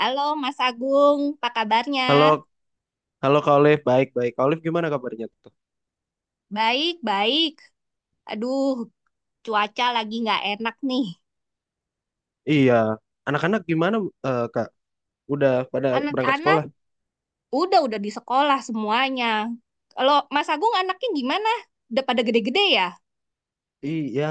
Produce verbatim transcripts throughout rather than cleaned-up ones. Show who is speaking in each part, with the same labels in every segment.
Speaker 1: Halo Mas Agung, apa kabarnya?
Speaker 2: Halo, halo Kak Olive, baik-baik. Kak Olive gimana kabarnya tuh?
Speaker 1: Baik, baik. Aduh, cuaca lagi nggak enak nih.
Speaker 2: Iya, anak-anak gimana, eh, Kak? Udah pada berangkat sekolah?
Speaker 1: Anak-anak udah udah di sekolah semuanya. Kalau Mas Agung anaknya gimana? Udah pada gede-gede ya?
Speaker 2: Iya,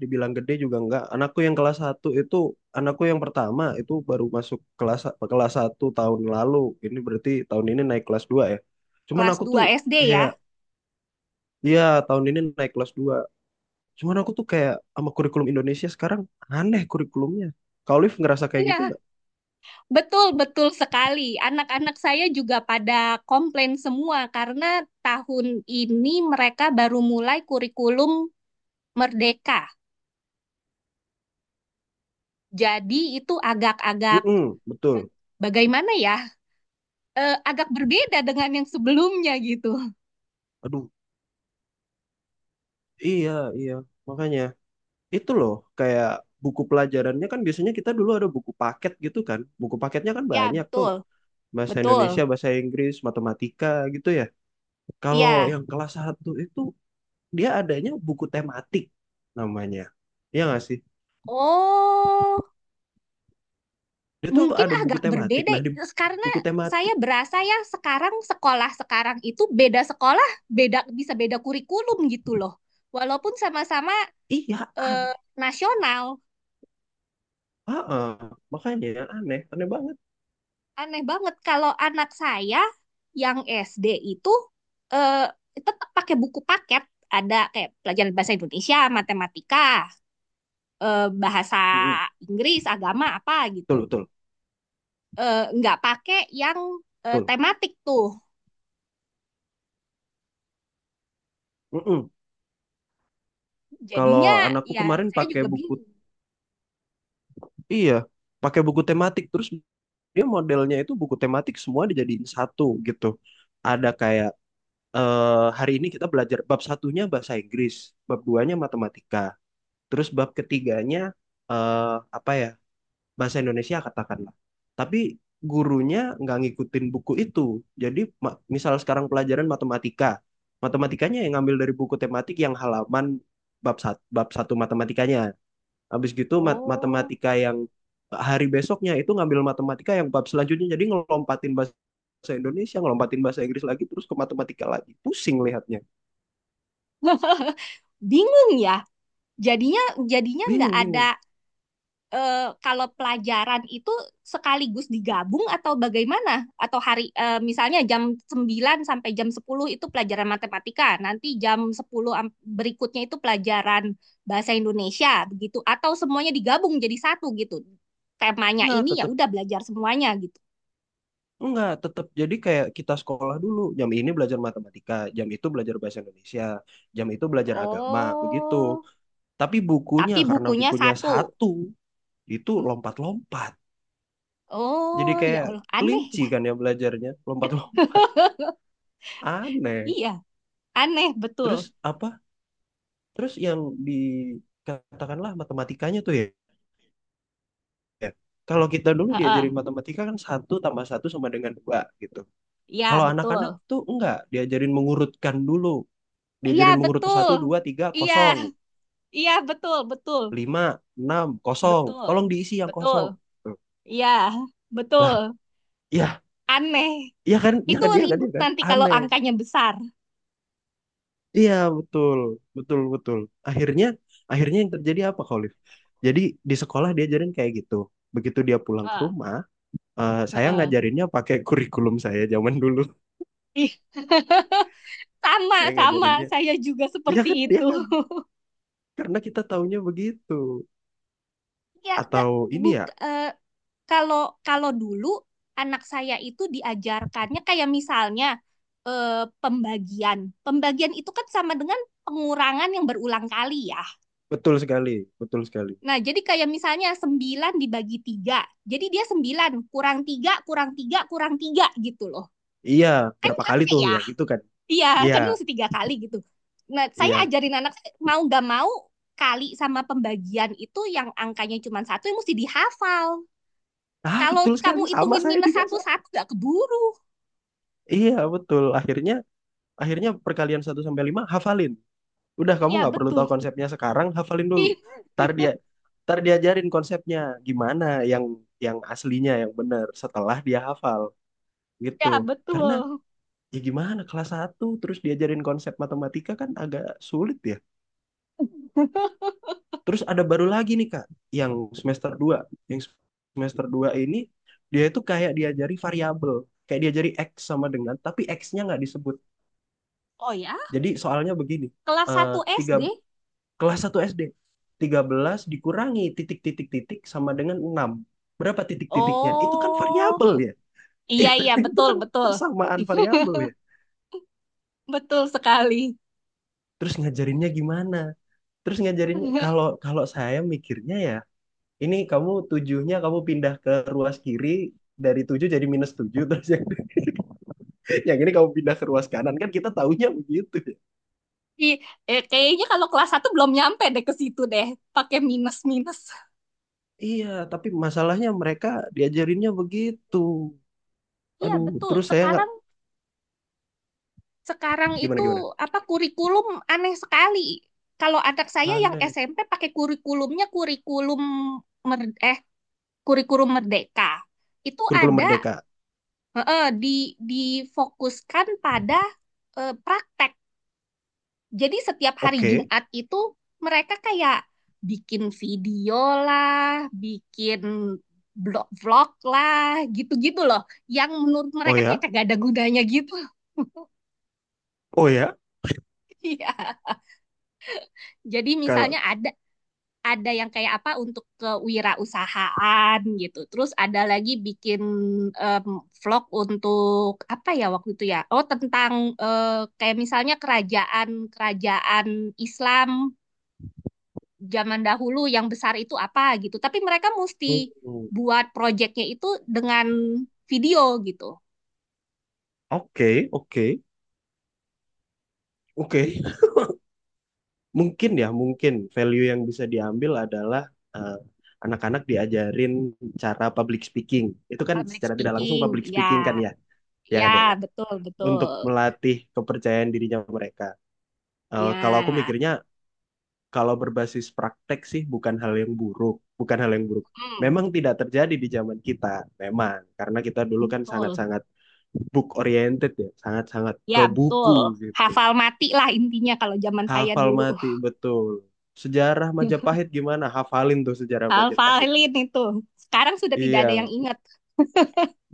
Speaker 2: dibilang gede juga enggak. Anakku yang kelas satu itu, anakku yang pertama itu baru masuk kelas kelas satu tahun lalu. Ini berarti tahun ini naik kelas dua ya. Cuman
Speaker 1: Kelas
Speaker 2: aku
Speaker 1: dua
Speaker 2: tuh
Speaker 1: S D ya?
Speaker 2: kayak, Iya, tahun ini naik kelas dua. Cuman aku tuh kayak sama kurikulum Indonesia sekarang, aneh kurikulumnya. Kak Olive ngerasa kayak gitu
Speaker 1: Iya,
Speaker 2: nggak?
Speaker 1: betul betul sekali. Anak-anak saya juga pada komplain semua karena tahun ini mereka baru mulai kurikulum Merdeka. Jadi itu agak-agak
Speaker 2: Mm, betul.
Speaker 1: bagaimana ya? eh, agak berbeda dengan yang sebelumnya gitu.
Speaker 2: Aduh, iya, iya. Makanya, itu loh, kayak buku pelajarannya kan biasanya kita dulu ada buku paket gitu kan, buku paketnya kan
Speaker 1: Ya,
Speaker 2: banyak tuh,
Speaker 1: betul.
Speaker 2: bahasa Indonesia,
Speaker 1: Betul.
Speaker 2: bahasa Inggris, matematika gitu ya. Kalau
Speaker 1: Iya.
Speaker 2: yang kelas satu itu, dia adanya buku tematik namanya, ya nggak sih,
Speaker 1: Oh,
Speaker 2: dia tuh
Speaker 1: mungkin
Speaker 2: ada buku
Speaker 1: agak
Speaker 2: tematik,
Speaker 1: berbeda
Speaker 2: nah di
Speaker 1: terus karena
Speaker 2: buku
Speaker 1: saya
Speaker 2: tematik,
Speaker 1: berasa ya sekarang sekolah sekarang itu beda sekolah, beda bisa beda kurikulum gitu loh. Walaupun sama-sama
Speaker 2: iya,
Speaker 1: eh,
Speaker 2: aneh.
Speaker 1: nasional,
Speaker 2: Heeh. Makanya aneh aneh banget.
Speaker 1: aneh banget kalau anak saya yang S D itu eh, tetap pakai buku paket, ada kayak pelajaran bahasa Indonesia, matematika. eh, bahasa
Speaker 2: Mm,
Speaker 1: Inggris, agama apa gitu.
Speaker 2: betul betul
Speaker 1: Eh, nggak pakai yang eh,
Speaker 2: betul.
Speaker 1: tematik tuh.
Speaker 2: Mm-mm. Kalau
Speaker 1: Jadinya
Speaker 2: anakku
Speaker 1: ya
Speaker 2: kemarin
Speaker 1: saya
Speaker 2: pakai
Speaker 1: juga
Speaker 2: buku,
Speaker 1: bingung.
Speaker 2: iya, pakai buku tematik terus. Dia modelnya itu buku tematik semua dijadiin satu gitu. Ada kayak, eh, hari ini kita belajar bab satunya bahasa Inggris, bab duanya matematika, terus bab ketiganya, eh, apa ya, bahasa Indonesia katakanlah. Tapi gurunya nggak ngikutin buku itu. Jadi ma- misal sekarang pelajaran matematika, matematikanya yang ngambil dari buku tematik yang halaman bab satu, bab satu matematikanya. Habis gitu mat-
Speaker 1: Oh.
Speaker 2: matematika yang hari besoknya itu ngambil matematika yang bab selanjutnya. Jadi ngelompatin bahasa Indonesia, ngelompatin bahasa Inggris lagi, terus ke matematika lagi. Pusing lihatnya.
Speaker 1: Bingung ya. Jadinya jadinya nggak
Speaker 2: Bingung,
Speaker 1: ada
Speaker 2: bingung.
Speaker 1: eh, kalau pelajaran itu sekaligus digabung atau bagaimana? Atau hari eh, misalnya jam sembilan sampai jam sepuluh itu pelajaran matematika, nanti jam sepuluh am- berikutnya itu pelajaran bahasa Indonesia, begitu, atau semuanya digabung jadi satu gitu. Temanya
Speaker 2: Enggak,
Speaker 1: ini ya
Speaker 2: tetap,
Speaker 1: udah belajar semuanya gitu.
Speaker 2: enggak, tetap. Jadi kayak kita sekolah dulu. Jam ini belajar matematika, jam itu belajar bahasa Indonesia, jam itu belajar agama, begitu.
Speaker 1: Oh,
Speaker 2: Tapi bukunya,
Speaker 1: tapi
Speaker 2: karena
Speaker 1: bukunya
Speaker 2: bukunya
Speaker 1: satu.
Speaker 2: satu, itu lompat-lompat. Jadi
Speaker 1: Oh, ya
Speaker 2: kayak
Speaker 1: Allah, aneh
Speaker 2: kelinci
Speaker 1: ya.
Speaker 2: kan ya belajarnya, lompat-lompat. Aneh.
Speaker 1: Iya, aneh betul.
Speaker 2: Terus apa Terus yang dikatakanlah matematikanya tuh ya, ya, kalau kita dulu
Speaker 1: Heeh.
Speaker 2: diajarin matematika kan satu tambah satu sama dengan dua gitu.
Speaker 1: Iya,
Speaker 2: Kalau anak-anak
Speaker 1: betul.
Speaker 2: tuh enggak, diajarin mengurutkan dulu,
Speaker 1: Iya,
Speaker 2: diajarin mengurut
Speaker 1: betul.
Speaker 2: satu, dua, tiga,
Speaker 1: Iya.
Speaker 2: kosong,
Speaker 1: Iya, betul, betul,
Speaker 2: lima, enam, kosong.
Speaker 1: betul,
Speaker 2: Tolong diisi yang
Speaker 1: betul.
Speaker 2: kosong. Tuh.
Speaker 1: Iya, betul.
Speaker 2: Lah, ya,
Speaker 1: Aneh.
Speaker 2: iya kan, iya
Speaker 1: Itu
Speaker 2: kan, iya kan, iya
Speaker 1: ribut
Speaker 2: kan,
Speaker 1: nanti kalau
Speaker 2: aneh.
Speaker 1: angkanya besar.
Speaker 2: Iya betul, betul, betul. Akhirnya, akhirnya yang terjadi apa, Khalif? Jadi di sekolah diajarin kayak gitu. Begitu dia pulang ke
Speaker 1: Ah,
Speaker 2: rumah, eh, saya
Speaker 1: heeh.
Speaker 2: ngajarinnya pakai kurikulum saya zaman dulu.
Speaker 1: Ih, Sama,
Speaker 2: Saya
Speaker 1: sama.
Speaker 2: ngajarinnya,
Speaker 1: Saya juga
Speaker 2: ya
Speaker 1: seperti
Speaker 2: kan, ya
Speaker 1: itu.
Speaker 2: kan, karena kita taunya begitu.
Speaker 1: Ya, nggak,
Speaker 2: Atau ini
Speaker 1: buk,
Speaker 2: ya,
Speaker 1: eh, kalau kalau dulu anak saya itu diajarkannya kayak misalnya eh, pembagian. Pembagian itu kan sama dengan pengurangan yang berulang kali ya.
Speaker 2: Betul sekali, betul sekali.
Speaker 1: Nah, jadi kayak misalnya sembilan dibagi tiga. Jadi dia sembilan kurang tiga kurang tiga kurang tiga gitu loh.
Speaker 2: Iya,
Speaker 1: Kan
Speaker 2: berapa kali
Speaker 1: capek
Speaker 2: tuh
Speaker 1: ya?
Speaker 2: ya gitu kan?
Speaker 1: Iya,
Speaker 2: Iya,
Speaker 1: kan mesti tiga kali gitu. Nah, saya
Speaker 2: iya.
Speaker 1: ajarin anak mau nggak mau kali sama pembagian itu yang angkanya cuma satu yang mesti dihafal.
Speaker 2: Ah,
Speaker 1: Kalau
Speaker 2: betul
Speaker 1: kamu
Speaker 2: sekali, sama
Speaker 1: hitungin
Speaker 2: saya
Speaker 1: minus
Speaker 2: juga. Sa.
Speaker 1: satu-satu nggak keburu.
Speaker 2: Iya, betul. Akhirnya, akhirnya perkalian satu sampai lima hafalin. Udah, kamu
Speaker 1: Iya,
Speaker 2: nggak perlu tahu
Speaker 1: betul.
Speaker 2: konsepnya sekarang, hafalin dulu.
Speaker 1: Iya,
Speaker 2: Ntar dia, ntar diajarin konsepnya gimana, yang yang aslinya yang benar setelah dia hafal gitu. Karena
Speaker 1: betul.
Speaker 2: ya gimana, kelas satu terus diajarin konsep matematika kan agak sulit ya. Terus ada baru lagi nih, Kak, yang semester dua Yang semester dua ini dia itu kayak diajari variabel, kayak diajari X sama dengan, tapi X-nya nggak disebut.
Speaker 1: Oh ya,
Speaker 2: Jadi soalnya begini,
Speaker 1: kelas
Speaker 2: eh
Speaker 1: satu
Speaker 2: tiga,
Speaker 1: S D.
Speaker 2: kelas satu S D, belas dikurangi titik-titik-titik sama dengan enam. Berapa titik-titiknya? Itu kan
Speaker 1: Oh,
Speaker 2: variabel ya.
Speaker 1: iya, iya,
Speaker 2: Itu
Speaker 1: betul,
Speaker 2: kan
Speaker 1: betul.
Speaker 2: persamaan variabel ya.
Speaker 1: Betul sekali.
Speaker 2: Terus ngajarinnya gimana? Terus ngajarinnya, kalau kalau saya mikirnya ya, ini kamu tujuhnya kamu pindah ke ruas kiri, dari tujuh jadi minus tujuh, terus yang, yang ini kamu pindah ke ruas kanan, kan kita taunya begitu, ya.
Speaker 1: Di, eh, kayaknya kalau kelas satu belum nyampe deh ke situ deh, pakai minus-minus.
Speaker 2: Iya, tapi masalahnya mereka diajarinnya begitu.
Speaker 1: Iya,
Speaker 2: Aduh,
Speaker 1: betul.
Speaker 2: terus saya nggak
Speaker 1: Sekarang sekarang
Speaker 2: gimana
Speaker 1: itu
Speaker 2: gimana.
Speaker 1: apa kurikulum aneh sekali. Kalau anak saya yang
Speaker 2: Aneh.
Speaker 1: S M P pakai kurikulumnya kurikulum mer- eh kurikulum merdeka. Itu
Speaker 2: Kurikulum
Speaker 1: ada
Speaker 2: Merdeka.
Speaker 1: eh, eh, di difokuskan pada eh, praktek. Jadi setiap hari
Speaker 2: Oke.
Speaker 1: Jumat itu mereka kayak bikin video lah, bikin blog vlog lah, gitu-gitu loh. Yang menurut
Speaker 2: Oh
Speaker 1: mereka kayak
Speaker 2: ya.
Speaker 1: kagak ada gunanya gitu.
Speaker 2: Oh ya.
Speaker 1: Iya. Jadi
Speaker 2: Kalau
Speaker 1: misalnya ada ada yang kayak apa untuk kewirausahaan gitu. Terus ada lagi bikin em, vlog untuk apa ya waktu itu ya? Oh, tentang eh, kayak misalnya kerajaan-kerajaan Islam zaman dahulu yang besar itu apa gitu. Tapi mereka
Speaker 2: Hmm.
Speaker 1: mesti buat projectnya itu dengan video gitu.
Speaker 2: Oke, oke, oke. Mungkin ya mungkin value yang bisa diambil adalah, eh, anak-anak diajarin cara public speaking, itu kan
Speaker 1: Public
Speaker 2: secara tidak langsung
Speaker 1: speaking,
Speaker 2: public speaking kan
Speaker 1: ya,
Speaker 2: ya, ya kan ya
Speaker 1: ya,
Speaker 2: kan,
Speaker 1: betul,
Speaker 2: untuk
Speaker 1: betul,
Speaker 2: melatih kepercayaan dirinya mereka. Eh, kalau aku
Speaker 1: ya,
Speaker 2: mikirnya kalau berbasis praktek sih bukan hal yang buruk, bukan hal yang buruk.
Speaker 1: hmm,
Speaker 2: Memang tidak terjadi di zaman kita, memang karena kita dulu kan
Speaker 1: betul,
Speaker 2: sangat-sangat book oriented ya, sangat-sangat
Speaker 1: ya,
Speaker 2: ke
Speaker 1: betul.
Speaker 2: buku gitu.
Speaker 1: Hafal mati lah intinya kalau zaman saya
Speaker 2: Hafal
Speaker 1: dulu.
Speaker 2: mati, betul. Sejarah Majapahit gimana? Hafalin tuh sejarah Majapahit.
Speaker 1: Hafalin itu. Sekarang sudah tidak ada yang
Speaker 2: Iya,
Speaker 1: ingat.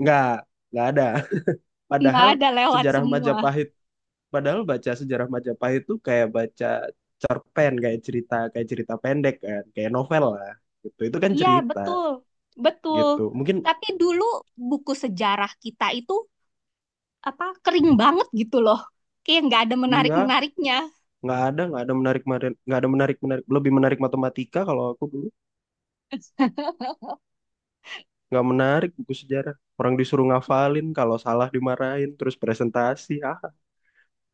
Speaker 2: nggak, nggak ada.
Speaker 1: Nggak
Speaker 2: Padahal
Speaker 1: ada lewat
Speaker 2: sejarah
Speaker 1: semua.
Speaker 2: Majapahit, padahal baca sejarah Majapahit tuh kayak baca cerpen, kayak cerita, kayak cerita pendek kan, kayak novel lah. Gitu. Itu kan
Speaker 1: Iya,
Speaker 2: cerita
Speaker 1: betul, betul.
Speaker 2: gitu. Mungkin
Speaker 1: Tapi dulu buku sejarah kita itu apa kering banget gitu loh, kayak nggak ada menarik
Speaker 2: iya,
Speaker 1: menariknya.
Speaker 2: nggak ada, nggak ada menarik, nggak ada menarik, menarik, lebih menarik matematika kalau aku dulu. Nggak menarik buku sejarah. Orang disuruh ngafalin, kalau salah dimarahin, terus presentasi, ah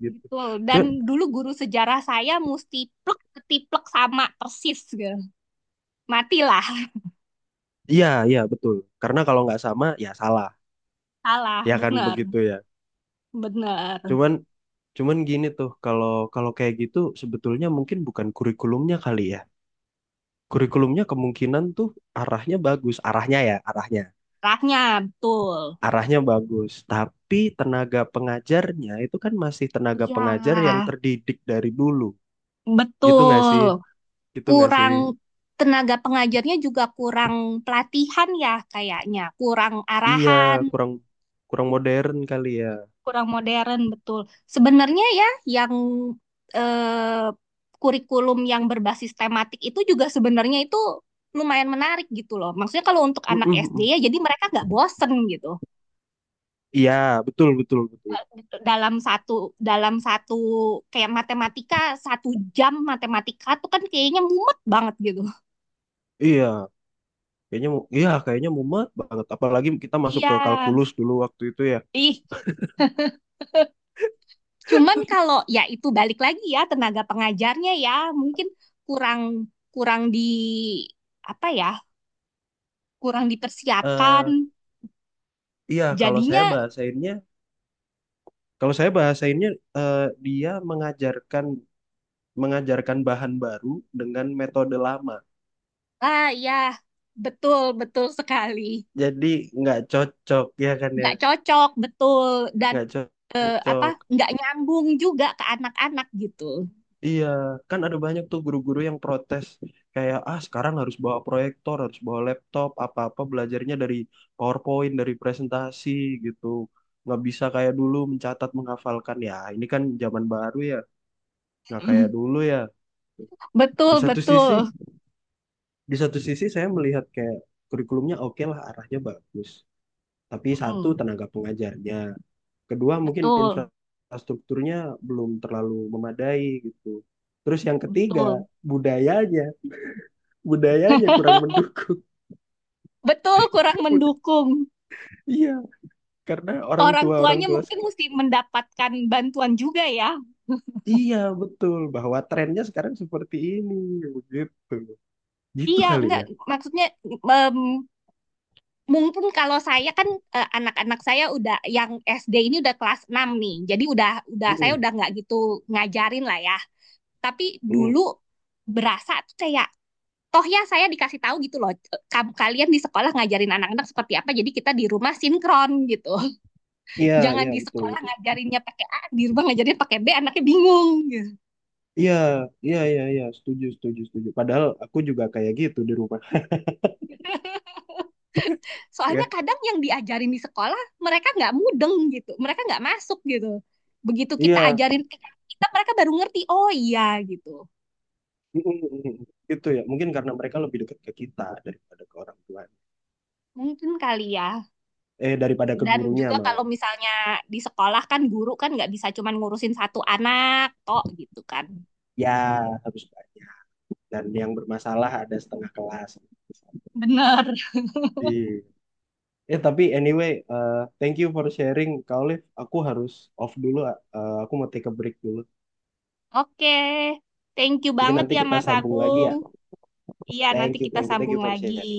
Speaker 2: gitu.
Speaker 1: Betul. Dan
Speaker 2: Cuman
Speaker 1: dulu guru sejarah saya mesti plek ketiplek sama persis gitu. Matilah.
Speaker 2: Iya, iya betul. Karena kalau nggak sama ya salah.
Speaker 1: Salah
Speaker 2: Ya kan
Speaker 1: bener,
Speaker 2: begitu ya.
Speaker 1: bener,
Speaker 2: Cuman cuman gini tuh, kalau kalau kayak gitu sebetulnya mungkin bukan kurikulumnya kali ya. Kurikulumnya kemungkinan tuh arahnya bagus, arahnya ya, arahnya.
Speaker 1: arahnya betul.
Speaker 2: Arahnya bagus, tapi tenaga pengajarnya itu kan masih tenaga
Speaker 1: Iya,
Speaker 2: pengajar yang terdidik dari dulu. Gitu nggak
Speaker 1: betul,
Speaker 2: sih? Gitu nggak sih?
Speaker 1: kurang. Tenaga pengajarnya juga kurang pelatihan ya, kayaknya kurang
Speaker 2: Iya,
Speaker 1: arahan,
Speaker 2: kurang kurang modern kali ya.
Speaker 1: kurang modern, betul. Sebenarnya ya yang eh, kurikulum yang berbasis tematik itu juga sebenarnya itu lumayan menarik gitu loh. Maksudnya kalau untuk
Speaker 2: Mm,
Speaker 1: anak
Speaker 2: mm,
Speaker 1: S D
Speaker 2: mm.
Speaker 1: ya jadi mereka nggak bosen gitu.
Speaker 2: Iya, betul betul betul.
Speaker 1: Dalam satu dalam satu kayak matematika, satu jam matematika tuh kan kayaknya mumet banget gitu.
Speaker 2: Iya, Kayaknya mu- iya kayaknya mumet banget. Apalagi kita masuk
Speaker 1: Iya.
Speaker 2: ke kalkulus dulu waktu itu ya.
Speaker 1: Ih, cuman kalau ya itu balik lagi ya tenaga pengajarnya ya mungkin kurang kurang di apa ya, kurang dipersiapkan.
Speaker 2: eh iya, kalau saya
Speaker 1: Jadinya,
Speaker 2: bahasainnya kalau saya bahasainnya eh, dia mengajarkan mengajarkan bahan baru dengan metode lama.
Speaker 1: ah ya, betul, betul sekali.
Speaker 2: Jadi nggak cocok ya kan ya.
Speaker 1: Nggak cocok, betul. Dan
Speaker 2: Nggak co-
Speaker 1: eh, apa
Speaker 2: cocok.
Speaker 1: nggak nyambung juga ke anak-anak gitu.
Speaker 2: Iya, kan ada banyak tuh guru-guru yang protes, kayak ah sekarang harus bawa proyektor, harus bawa laptop, apa-apa belajarnya dari PowerPoint, dari presentasi gitu. Nggak bisa kayak dulu mencatat, menghafalkan ya. Ini kan zaman baru ya, nggak kayak
Speaker 1: Mm,
Speaker 2: dulu ya. Di
Speaker 1: betul,
Speaker 2: satu sisi,
Speaker 1: betul.
Speaker 2: di satu sisi saya melihat kayak kurikulumnya oke lah, arahnya bagus. Tapi satu
Speaker 1: Mm,
Speaker 2: tenaga pengajarnya, kedua mungkin
Speaker 1: betul,
Speaker 2: infrastrukturnya belum terlalu memadai gitu. Terus yang ketiga,
Speaker 1: betul.
Speaker 2: budayanya budayanya kurang mendukung.
Speaker 1: Betul, kurang mendukung.
Speaker 2: Iya, karena orang
Speaker 1: Orang
Speaker 2: tua orang
Speaker 1: tuanya
Speaker 2: tua
Speaker 1: mungkin
Speaker 2: sek-
Speaker 1: mesti mendapatkan bantuan juga ya.
Speaker 2: iya betul bahwa trennya sekarang seperti ini begitu. Gitu
Speaker 1: Iya,
Speaker 2: kali
Speaker 1: enggak,
Speaker 2: ya.
Speaker 1: maksudnya em, Mungkin kalau saya kan eh, anak-anak saya udah yang S D ini udah kelas enam nih. Jadi udah udah saya
Speaker 2: Mm-mm,
Speaker 1: udah nggak gitu ngajarin lah ya. Tapi
Speaker 2: mm-mm.
Speaker 1: dulu berasa tuh kayak toh ya saya dikasih tahu gitu loh. "Eh, kam- Kalian di sekolah ngajarin anak-anak seperti apa. Jadi kita di rumah sinkron gitu."
Speaker 2: Iya,
Speaker 1: Jangan
Speaker 2: iya
Speaker 1: di
Speaker 2: betul
Speaker 1: sekolah
Speaker 2: betul.
Speaker 1: ngajarinnya pakai A, di rumah ngajarinnya pakai B, anaknya bingung gitu.
Speaker 2: Iya, iya iya iya setuju setuju setuju. Padahal aku juga kayak gitu di rumah.
Speaker 1: Soalnya
Speaker 2: Ya,
Speaker 1: kadang yang diajarin di sekolah mereka nggak mudeng gitu, mereka nggak masuk gitu. Begitu kita
Speaker 2: iya.
Speaker 1: ajarin ke kita, mereka baru ngerti, oh iya gitu.
Speaker 2: Mm-mm, mm-mm. Gitu ya. Mungkin karena mereka lebih dekat ke kita daripada ke orang tua.
Speaker 1: Mungkin kali ya.
Speaker 2: Eh, daripada ke
Speaker 1: Dan
Speaker 2: gurunya
Speaker 1: juga kalau
Speaker 2: malah.
Speaker 1: misalnya di sekolah kan guru kan nggak bisa cuman ngurusin satu anak, toh gitu kan.
Speaker 2: Ya, harus banyak. Dan yang bermasalah ada setengah kelas.
Speaker 1: Bener.
Speaker 2: Iya. Ya, tapi anyway, eh, thank you for sharing, Kak Olive. Aku harus off dulu, eh, aku mau take a break dulu.
Speaker 1: Oke, thank you
Speaker 2: Mungkin
Speaker 1: banget
Speaker 2: nanti
Speaker 1: ya
Speaker 2: kita
Speaker 1: Mas
Speaker 2: sambung lagi
Speaker 1: Agung.
Speaker 2: ya.
Speaker 1: Iya, nanti
Speaker 2: Thank you,
Speaker 1: kita
Speaker 2: thank you, thank you
Speaker 1: sambung
Speaker 2: for
Speaker 1: lagi.
Speaker 2: sharing.